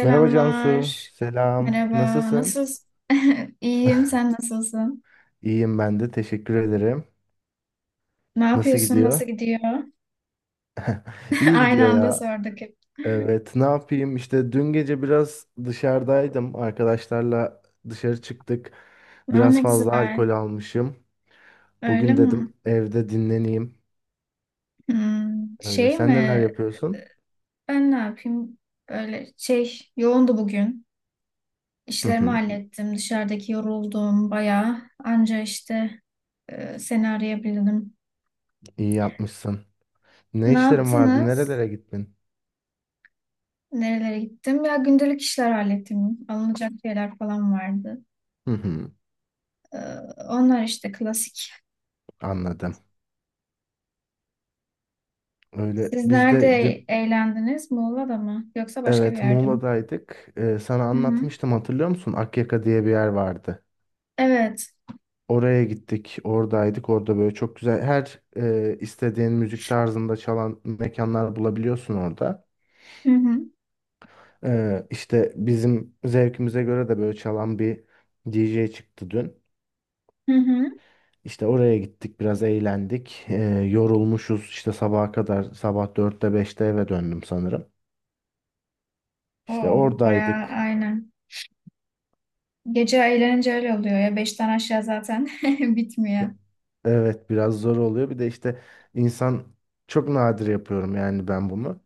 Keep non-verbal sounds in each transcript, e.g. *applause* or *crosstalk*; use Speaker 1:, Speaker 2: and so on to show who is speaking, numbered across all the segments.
Speaker 1: Merhaba Cansu, selam.
Speaker 2: Merhaba.
Speaker 1: Nasılsın?
Speaker 2: Nasılsın? *laughs* İyiyim. Sen nasılsın?
Speaker 1: İyiyim ben de, teşekkür ederim.
Speaker 2: Ne
Speaker 1: Nasıl
Speaker 2: yapıyorsun?
Speaker 1: gidiyor?
Speaker 2: Nasıl gidiyor? *laughs*
Speaker 1: İyi
Speaker 2: Aynı
Speaker 1: gidiyor
Speaker 2: anda
Speaker 1: ya.
Speaker 2: sorduk hep.
Speaker 1: Evet, ne yapayım? İşte dün gece biraz dışarıdaydım. Arkadaşlarla dışarı çıktık.
Speaker 2: Aa,
Speaker 1: Biraz
Speaker 2: ne
Speaker 1: fazla
Speaker 2: güzel.
Speaker 1: alkol almışım.
Speaker 2: Öyle
Speaker 1: Bugün
Speaker 2: mi?
Speaker 1: dedim evde dinleneyim.
Speaker 2: Hmm,
Speaker 1: Öyle.
Speaker 2: Şey
Speaker 1: Sen neler
Speaker 2: mi?
Speaker 1: yapıyorsun?
Speaker 2: Ben ne yapayım? Böyle şey yoğundu bugün.
Speaker 1: Hı
Speaker 2: İşlerimi
Speaker 1: hı,
Speaker 2: hallettim. Dışarıdaki yoruldum bayağı. Anca işte seni arayabildim.
Speaker 1: iyi yapmışsın. Ne
Speaker 2: Ne
Speaker 1: işlerin vardı?
Speaker 2: yaptınız?
Speaker 1: Nerelere gittin?
Speaker 2: Nerelere gittim? Ya gündelik işler hallettim. Alınacak şeyler falan vardı.
Speaker 1: Hı hı,
Speaker 2: Ee, Onlar işte klasik.
Speaker 1: anladım. Öyle.
Speaker 2: Siz
Speaker 1: Biz
Speaker 2: nerede
Speaker 1: de dün
Speaker 2: eğlendiniz? Muğla'da mı? Yoksa başka bir
Speaker 1: Evet,
Speaker 2: yerde mi?
Speaker 1: Muğla'daydık. Sana
Speaker 2: Hı hı.
Speaker 1: anlatmıştım hatırlıyor musun? Akyaka diye bir yer vardı.
Speaker 2: Evet.
Speaker 1: Oraya gittik, oradaydık. Orada böyle çok güzel her istediğin müzik tarzında çalan mekanlar bulabiliyorsun orada.
Speaker 2: Hı hı.
Speaker 1: İşte bizim zevkimize göre de böyle çalan bir DJ çıktı dün.
Speaker 2: Hı hı.
Speaker 1: İşte oraya gittik, biraz eğlendik. Yorulmuşuz işte sabaha kadar. Sabah 4'te 5'te eve döndüm sanırım. İşte
Speaker 2: Oo, bayağı
Speaker 1: oradaydık.
Speaker 2: aynen. Gece eğlenince öyle oluyor ya. Beşten aşağı zaten *laughs* bitmiyor.
Speaker 1: Evet biraz zor oluyor. Bir de işte insan çok nadir yapıyorum yani ben bunu.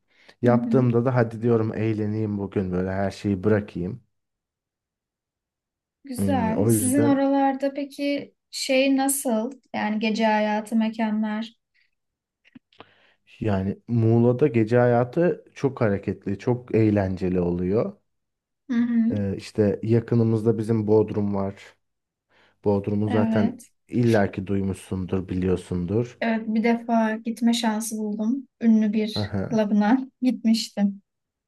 Speaker 2: Hı hı.
Speaker 1: Yaptığımda da hadi diyorum eğleneyim bugün böyle her şeyi bırakayım. Hmm,
Speaker 2: Güzel.
Speaker 1: o
Speaker 2: Sizin
Speaker 1: yüzden
Speaker 2: oralarda peki şey nasıl? Yani gece hayatı mekanlar.
Speaker 1: yani Muğla'da gece hayatı çok hareketli, çok eğlenceli oluyor.
Speaker 2: Hı hı.
Speaker 1: İşte yakınımızda bizim Bodrum var. Bodrum'u zaten
Speaker 2: Evet.
Speaker 1: illaki duymuşsundur, biliyorsundur.
Speaker 2: Evet, bir defa gitme şansı buldum. Ünlü bir
Speaker 1: *laughs*
Speaker 2: klubuna *laughs* gitmiştim.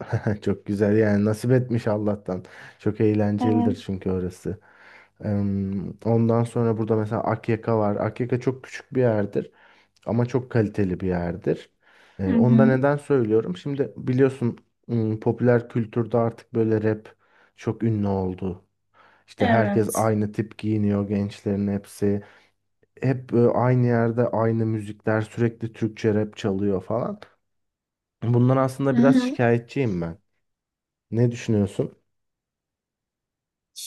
Speaker 1: *laughs* Çok güzel yani nasip etmiş Allah'tan. Çok eğlencelidir
Speaker 2: Evet.
Speaker 1: çünkü orası. Ondan sonra burada mesela Akyaka var. Akyaka çok küçük bir yerdir ama çok kaliteli bir yerdir.
Speaker 2: Hı
Speaker 1: Onu da
Speaker 2: hı.
Speaker 1: neden söylüyorum? Şimdi biliyorsun popüler kültürde artık böyle rap çok ünlü oldu. İşte herkes
Speaker 2: Evet.
Speaker 1: aynı tip giyiniyor gençlerin hepsi. Hep aynı yerde aynı müzikler sürekli Türkçe rap çalıyor falan. Bundan
Speaker 2: Hı
Speaker 1: aslında biraz
Speaker 2: hı.
Speaker 1: şikayetçiyim ben. Ne düşünüyorsun?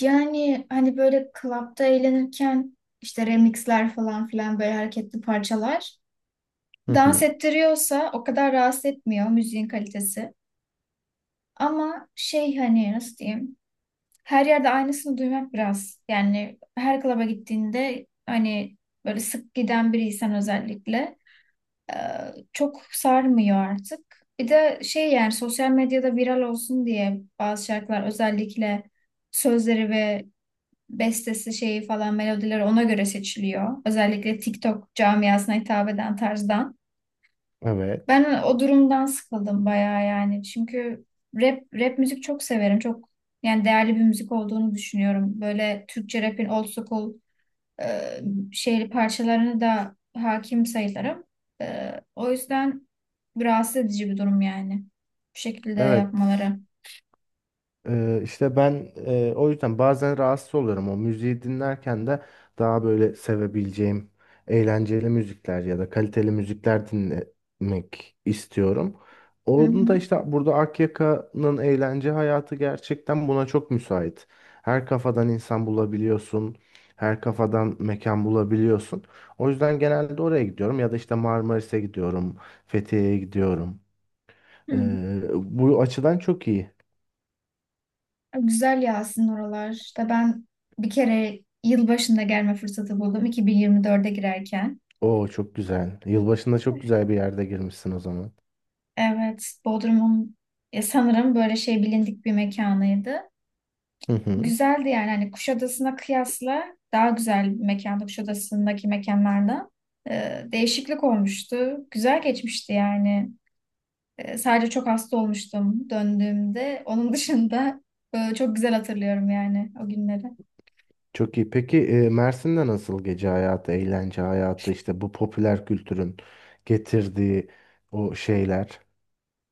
Speaker 2: Yani hani böyle klapta eğlenirken işte remixler falan filan böyle hareketli parçalar dans
Speaker 1: *laughs*
Speaker 2: ettiriyorsa o kadar rahatsız etmiyor müziğin kalitesi. Ama şey hani nasıl diyeyim her yerde aynısını duymak biraz yani her klaba gittiğinde hani böyle sık giden biriysen özellikle e, çok sarmıyor artık. Bir de şey yani sosyal medyada viral olsun diye bazı şarkılar özellikle sözleri ve bestesi şeyi falan melodileri ona göre seçiliyor. Özellikle TikTok camiasına hitap eden tarzdan.
Speaker 1: Evet.
Speaker 2: Ben o durumdan sıkıldım bayağı yani. Çünkü rap müzik çok severim. Çok yani değerli bir müzik olduğunu düşünüyorum. Böyle Türkçe rap'in old school e, şehri parçalarına da hakim sayılırım. O yüzden rahatsız edici bir durum yani. Bu şekilde
Speaker 1: Evet.
Speaker 2: yapmaları.
Speaker 1: İşte ben o yüzden bazen rahatsız oluyorum. O müziği dinlerken de daha böyle sevebileceğim eğlenceli müzikler ya da kaliteli müzikler dinlemek istiyorum.
Speaker 2: Hı
Speaker 1: Onun da
Speaker 2: hı.
Speaker 1: işte burada Akyaka'nın eğlence hayatı gerçekten buna çok müsait. Her kafadan insan bulabiliyorsun. Her kafadan mekan bulabiliyorsun. O yüzden genelde oraya gidiyorum ya da işte Marmaris'e gidiyorum, Fethiye'ye gidiyorum.
Speaker 2: Hı hı.
Speaker 1: Bu açıdan çok iyi.
Speaker 2: Güzel ya aslında oralar. İşte ben bir kere yılbaşında gelme fırsatı buldum 2024'e girerken.
Speaker 1: Oo, çok güzel. Yılbaşında çok güzel bir yerde girmişsin o zaman.
Speaker 2: Evet, Bodrum'un sanırım böyle şey bilindik bir mekanıydı.
Speaker 1: Hı hı.
Speaker 2: Güzeldi yani hani Kuşadası'na kıyasla daha güzel bir mekandı Kuşadası'ndaki mekanlardan. Değişiklik olmuştu. Güzel geçmişti yani. Sadece çok hasta olmuştum döndüğümde. Onun dışında çok güzel hatırlıyorum yani o günleri.
Speaker 1: Çok iyi. Peki Mersin'de nasıl gece hayatı, eğlence hayatı, işte bu popüler kültürün getirdiği o şeyler,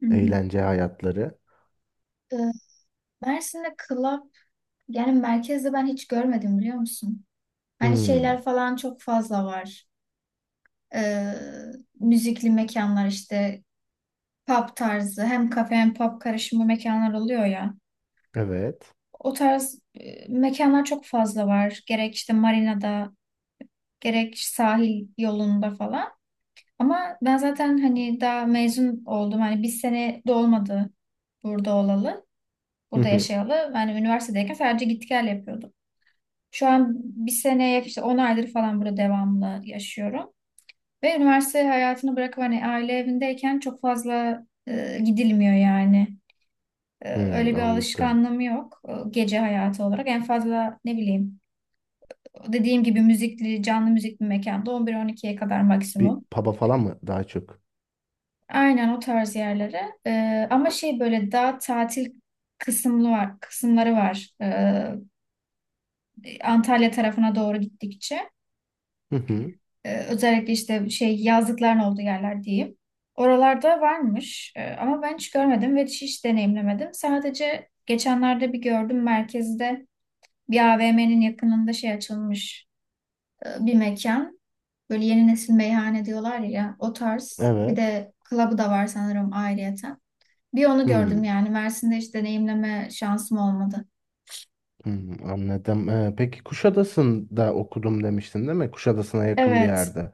Speaker 2: Hı hı.
Speaker 1: eğlence hayatları?
Speaker 2: Ee, Mersin'de club yani merkezde ben hiç görmedim biliyor musun? Hani
Speaker 1: Hmm,
Speaker 2: şeyler falan çok fazla var. e, Müzikli mekanlar işte pub tarzı hem kafe hem pub karışımı mekanlar oluyor ya.
Speaker 1: evet.
Speaker 2: O tarz mekanlar çok fazla var. Gerek işte marinada, gerek sahil yolunda falan. Ama ben zaten hani daha mezun oldum. Hani bir sene de olmadı burada olalı,
Speaker 1: Hı
Speaker 2: burada
Speaker 1: hı.
Speaker 2: yaşayalı. Yani üniversitedeyken sadece git gel yapıyordum. Şu an bir seneye işte 10 aydır falan burada devamlı yaşıyorum. Ve üniversite hayatını bırakıp hani aile evindeyken çok fazla gidilmiyor yani.
Speaker 1: Hmm,
Speaker 2: Öyle bir
Speaker 1: anladım.
Speaker 2: alışkanlığım yok gece hayatı olarak. En fazla ne bileyim dediğim gibi müzikli, canlı müzikli mekanda 11-12'ye kadar
Speaker 1: Bir
Speaker 2: maksimum.
Speaker 1: pub'a falan mı daha çok?
Speaker 2: Aynen o tarz yerlere. Ama şey böyle daha tatil kısımlı var, kısımları var. Antalya tarafına doğru gittikçe.
Speaker 1: Hı hı.
Speaker 2: Özellikle işte şey yazlıkların olduğu yerler diyeyim. Oralarda varmış. Ama ben hiç görmedim ve hiç deneyimlemedim. Sadece geçenlerde bir gördüm merkezde bir AVM'nin yakınında şey açılmış bir mekan. Böyle yeni nesil meyhane diyorlar ya o tarz. Bir
Speaker 1: Evet.
Speaker 2: de club'ı da var sanırım ayrıyeten. Bir onu gördüm
Speaker 1: Hmm.
Speaker 2: yani Mersin'de hiç deneyimleme şansım olmadı.
Speaker 1: Hmm, anladım. Peki Kuşadası'nda okudum demiştin değil mi? Kuşadası'na yakın bir
Speaker 2: Evet.
Speaker 1: yerde.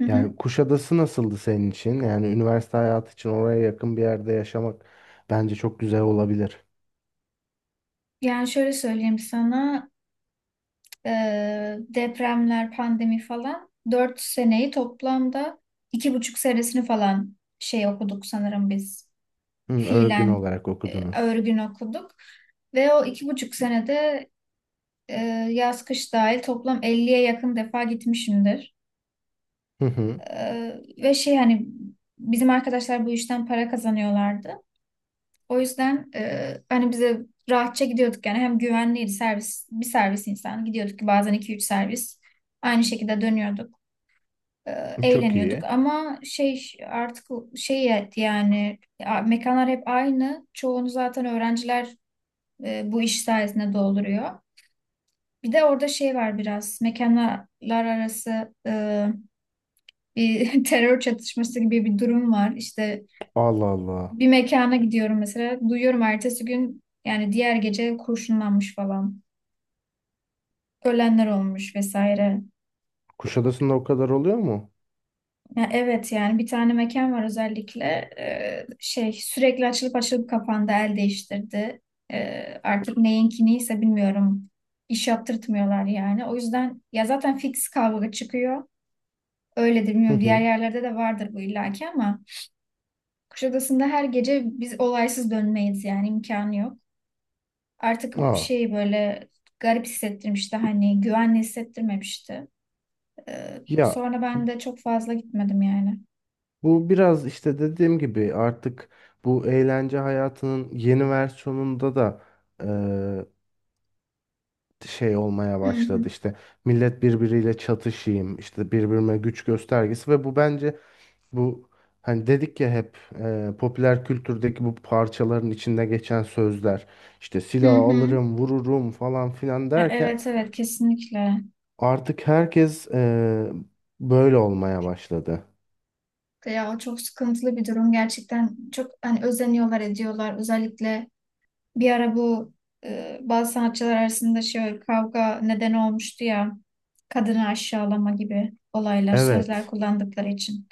Speaker 2: Hı
Speaker 1: Yani
Speaker 2: hı.
Speaker 1: Kuşadası nasıldı senin için? Yani üniversite hayatı için oraya yakın bir yerde yaşamak bence çok güzel olabilir.
Speaker 2: Yani şöyle söyleyeyim sana. e, Depremler, pandemi falan. 4 seneyi toplamda 2,5 senesini falan şey okuduk sanırım biz.
Speaker 1: Hı, örgün
Speaker 2: Fiilen
Speaker 1: olarak okudunuz.
Speaker 2: örgün okuduk. Ve o 2,5 senede e, yaz kış dahil toplam 50'ye yakın defa gitmişimdir.
Speaker 1: Hı hı.
Speaker 2: E, Ve şey hani bizim arkadaşlar bu işten para kazanıyorlardı. O yüzden hani bize rahatça gidiyorduk yani hem güvenliydi servis bir servis insan gidiyorduk ki bazen iki üç servis aynı şekilde dönüyorduk. e,
Speaker 1: Çok
Speaker 2: Eğleniyorduk
Speaker 1: iyi.
Speaker 2: ama şey artık şey et yani mekanlar hep aynı. Çoğunu zaten öğrenciler bu iş sayesinde dolduruyor. Bir de orada şey var biraz mekanlar arası bir *laughs* terör çatışması gibi bir durum var. İşte
Speaker 1: Allah Allah.
Speaker 2: bir mekana gidiyorum mesela duyuyorum ertesi gün yani diğer gece kurşunlanmış falan. Ölenler olmuş vesaire.
Speaker 1: Kuşadası'nda o kadar oluyor mu?
Speaker 2: Ya, evet yani bir tane mekan var özellikle. Şey sürekli açılıp açılıp kapandı el değiştirdi. Artık neyinki neyse bilmiyorum iş yaptırtmıyorlar yani. O yüzden ya zaten fix kavga çıkıyor. Öyledir
Speaker 1: Hı
Speaker 2: bilmiyorum diğer
Speaker 1: hı.
Speaker 2: yerlerde de vardır bu illaki ama Kuşadası'nda her gece biz olaysız dönmeyiz yani imkanı yok. Artık
Speaker 1: Aa.
Speaker 2: şey böyle garip hissettirmişti hani güvenli hissettirmemişti.
Speaker 1: Ya
Speaker 2: Sonra ben de çok fazla gitmedim yani.
Speaker 1: bu biraz işte dediğim gibi artık bu eğlence hayatının yeni versiyonunda da eee, şey olmaya
Speaker 2: Hı hı.
Speaker 1: başladı. İşte millet birbiriyle çatışayım, işte birbirine güç göstergesi ve bu bence. Bu hani dedik ya hep popüler kültürdeki bu parçaların içinde geçen sözler işte
Speaker 2: Hı
Speaker 1: silah
Speaker 2: hı.
Speaker 1: alırım vururum falan filan
Speaker 2: Ya,
Speaker 1: derken
Speaker 2: evet evet, kesinlikle.
Speaker 1: artık herkes böyle olmaya başladı.
Speaker 2: Ya o çok sıkıntılı bir durum gerçekten. Çok hani özeniyorlar ediyorlar. Özellikle bir ara bu bazı sanatçılar arasında şey kavga nedeni olmuştu ya. Kadını aşağılama gibi olaylar, sözler
Speaker 1: Evet.
Speaker 2: kullandıkları için.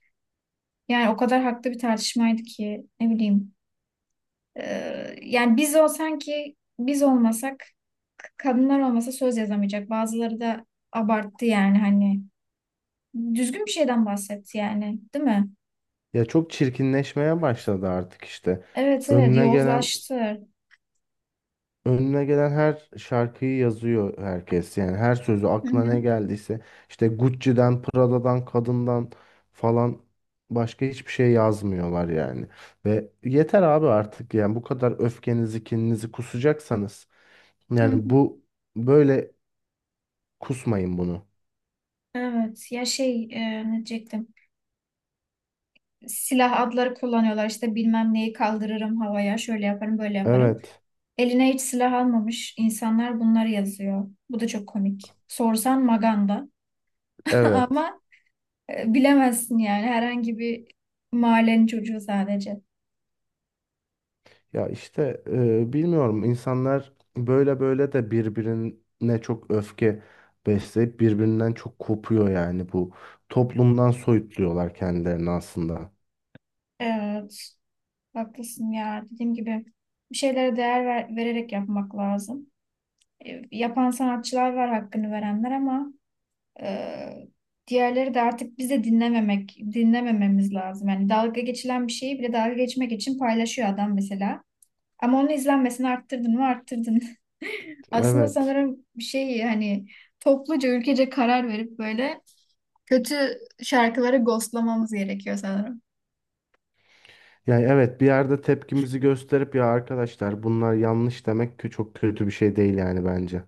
Speaker 2: Yani o kadar haklı bir tartışmaydı ki ne bileyim. Yani biz o sanki biz olmasak kadınlar olmasa söz yazamayacak. Bazıları da abarttı yani hani düzgün bir şeyden bahsetti yani, değil mi?
Speaker 1: Ya çok çirkinleşmeye başladı artık işte.
Speaker 2: Evet evet
Speaker 1: Önüne gelen
Speaker 2: yozlaştı.
Speaker 1: Önüne gelen her şarkıyı yazıyor herkes. Yani her sözü
Speaker 2: Hı
Speaker 1: aklına
Speaker 2: hı.
Speaker 1: ne geldiyse işte Gucci'den, Prada'dan, kadından falan başka hiçbir şey yazmıyorlar yani. Ve yeter abi artık yani bu kadar öfkenizi, kininizi kusacaksanız
Speaker 2: Hı
Speaker 1: yani
Speaker 2: hı.
Speaker 1: bu böyle kusmayın bunu.
Speaker 2: Evet ya şey ne diyecektim. Silah adları kullanıyorlar işte bilmem neyi kaldırırım havaya şöyle yaparım böyle yaparım.
Speaker 1: Evet.
Speaker 2: Eline hiç silah almamış insanlar bunları yazıyor. Bu da çok komik. Sorsan Maganda *laughs*
Speaker 1: Evet.
Speaker 2: ama bilemezsin yani herhangi bir mahallenin çocuğu sadece.
Speaker 1: Ya işte bilmiyorum insanlar böyle böyle de birbirine çok öfke besleyip birbirinden çok kopuyor yani bu toplumdan soyutluyorlar kendilerini aslında.
Speaker 2: Evet haklısın ya dediğim gibi bir şeylere değer vererek yapmak lazım. Yapan sanatçılar var hakkını verenler ama Ee, diğerleri de artık bize dinlememek, dinlemememiz lazım. Yani dalga geçilen bir şeyi bile dalga geçmek için paylaşıyor adam mesela. Ama onun izlenmesini arttırdın mı arttırdın. *laughs* Aslında
Speaker 1: Evet.
Speaker 2: sanırım bir şey hani topluca ülkece karar verip böyle kötü şarkıları ghostlamamız gerekiyor sanırım.
Speaker 1: Yani evet bir yerde tepkimizi gösterip ya arkadaşlar bunlar yanlış demek ki çok kötü bir şey değil yani bence.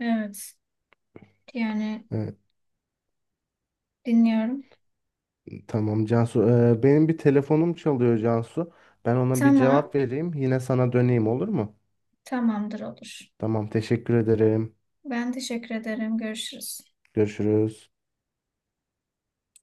Speaker 2: Evet. Yani
Speaker 1: Evet,
Speaker 2: dinliyorum.
Speaker 1: tamam Cansu. Benim bir telefonum çalıyor Cansu. Ben ona bir
Speaker 2: Tamam.
Speaker 1: cevap vereyim. Yine sana döneyim olur mu?
Speaker 2: Tamamdır olur.
Speaker 1: Tamam teşekkür ederim.
Speaker 2: Ben teşekkür ederim. Görüşürüz.
Speaker 1: Görüşürüz.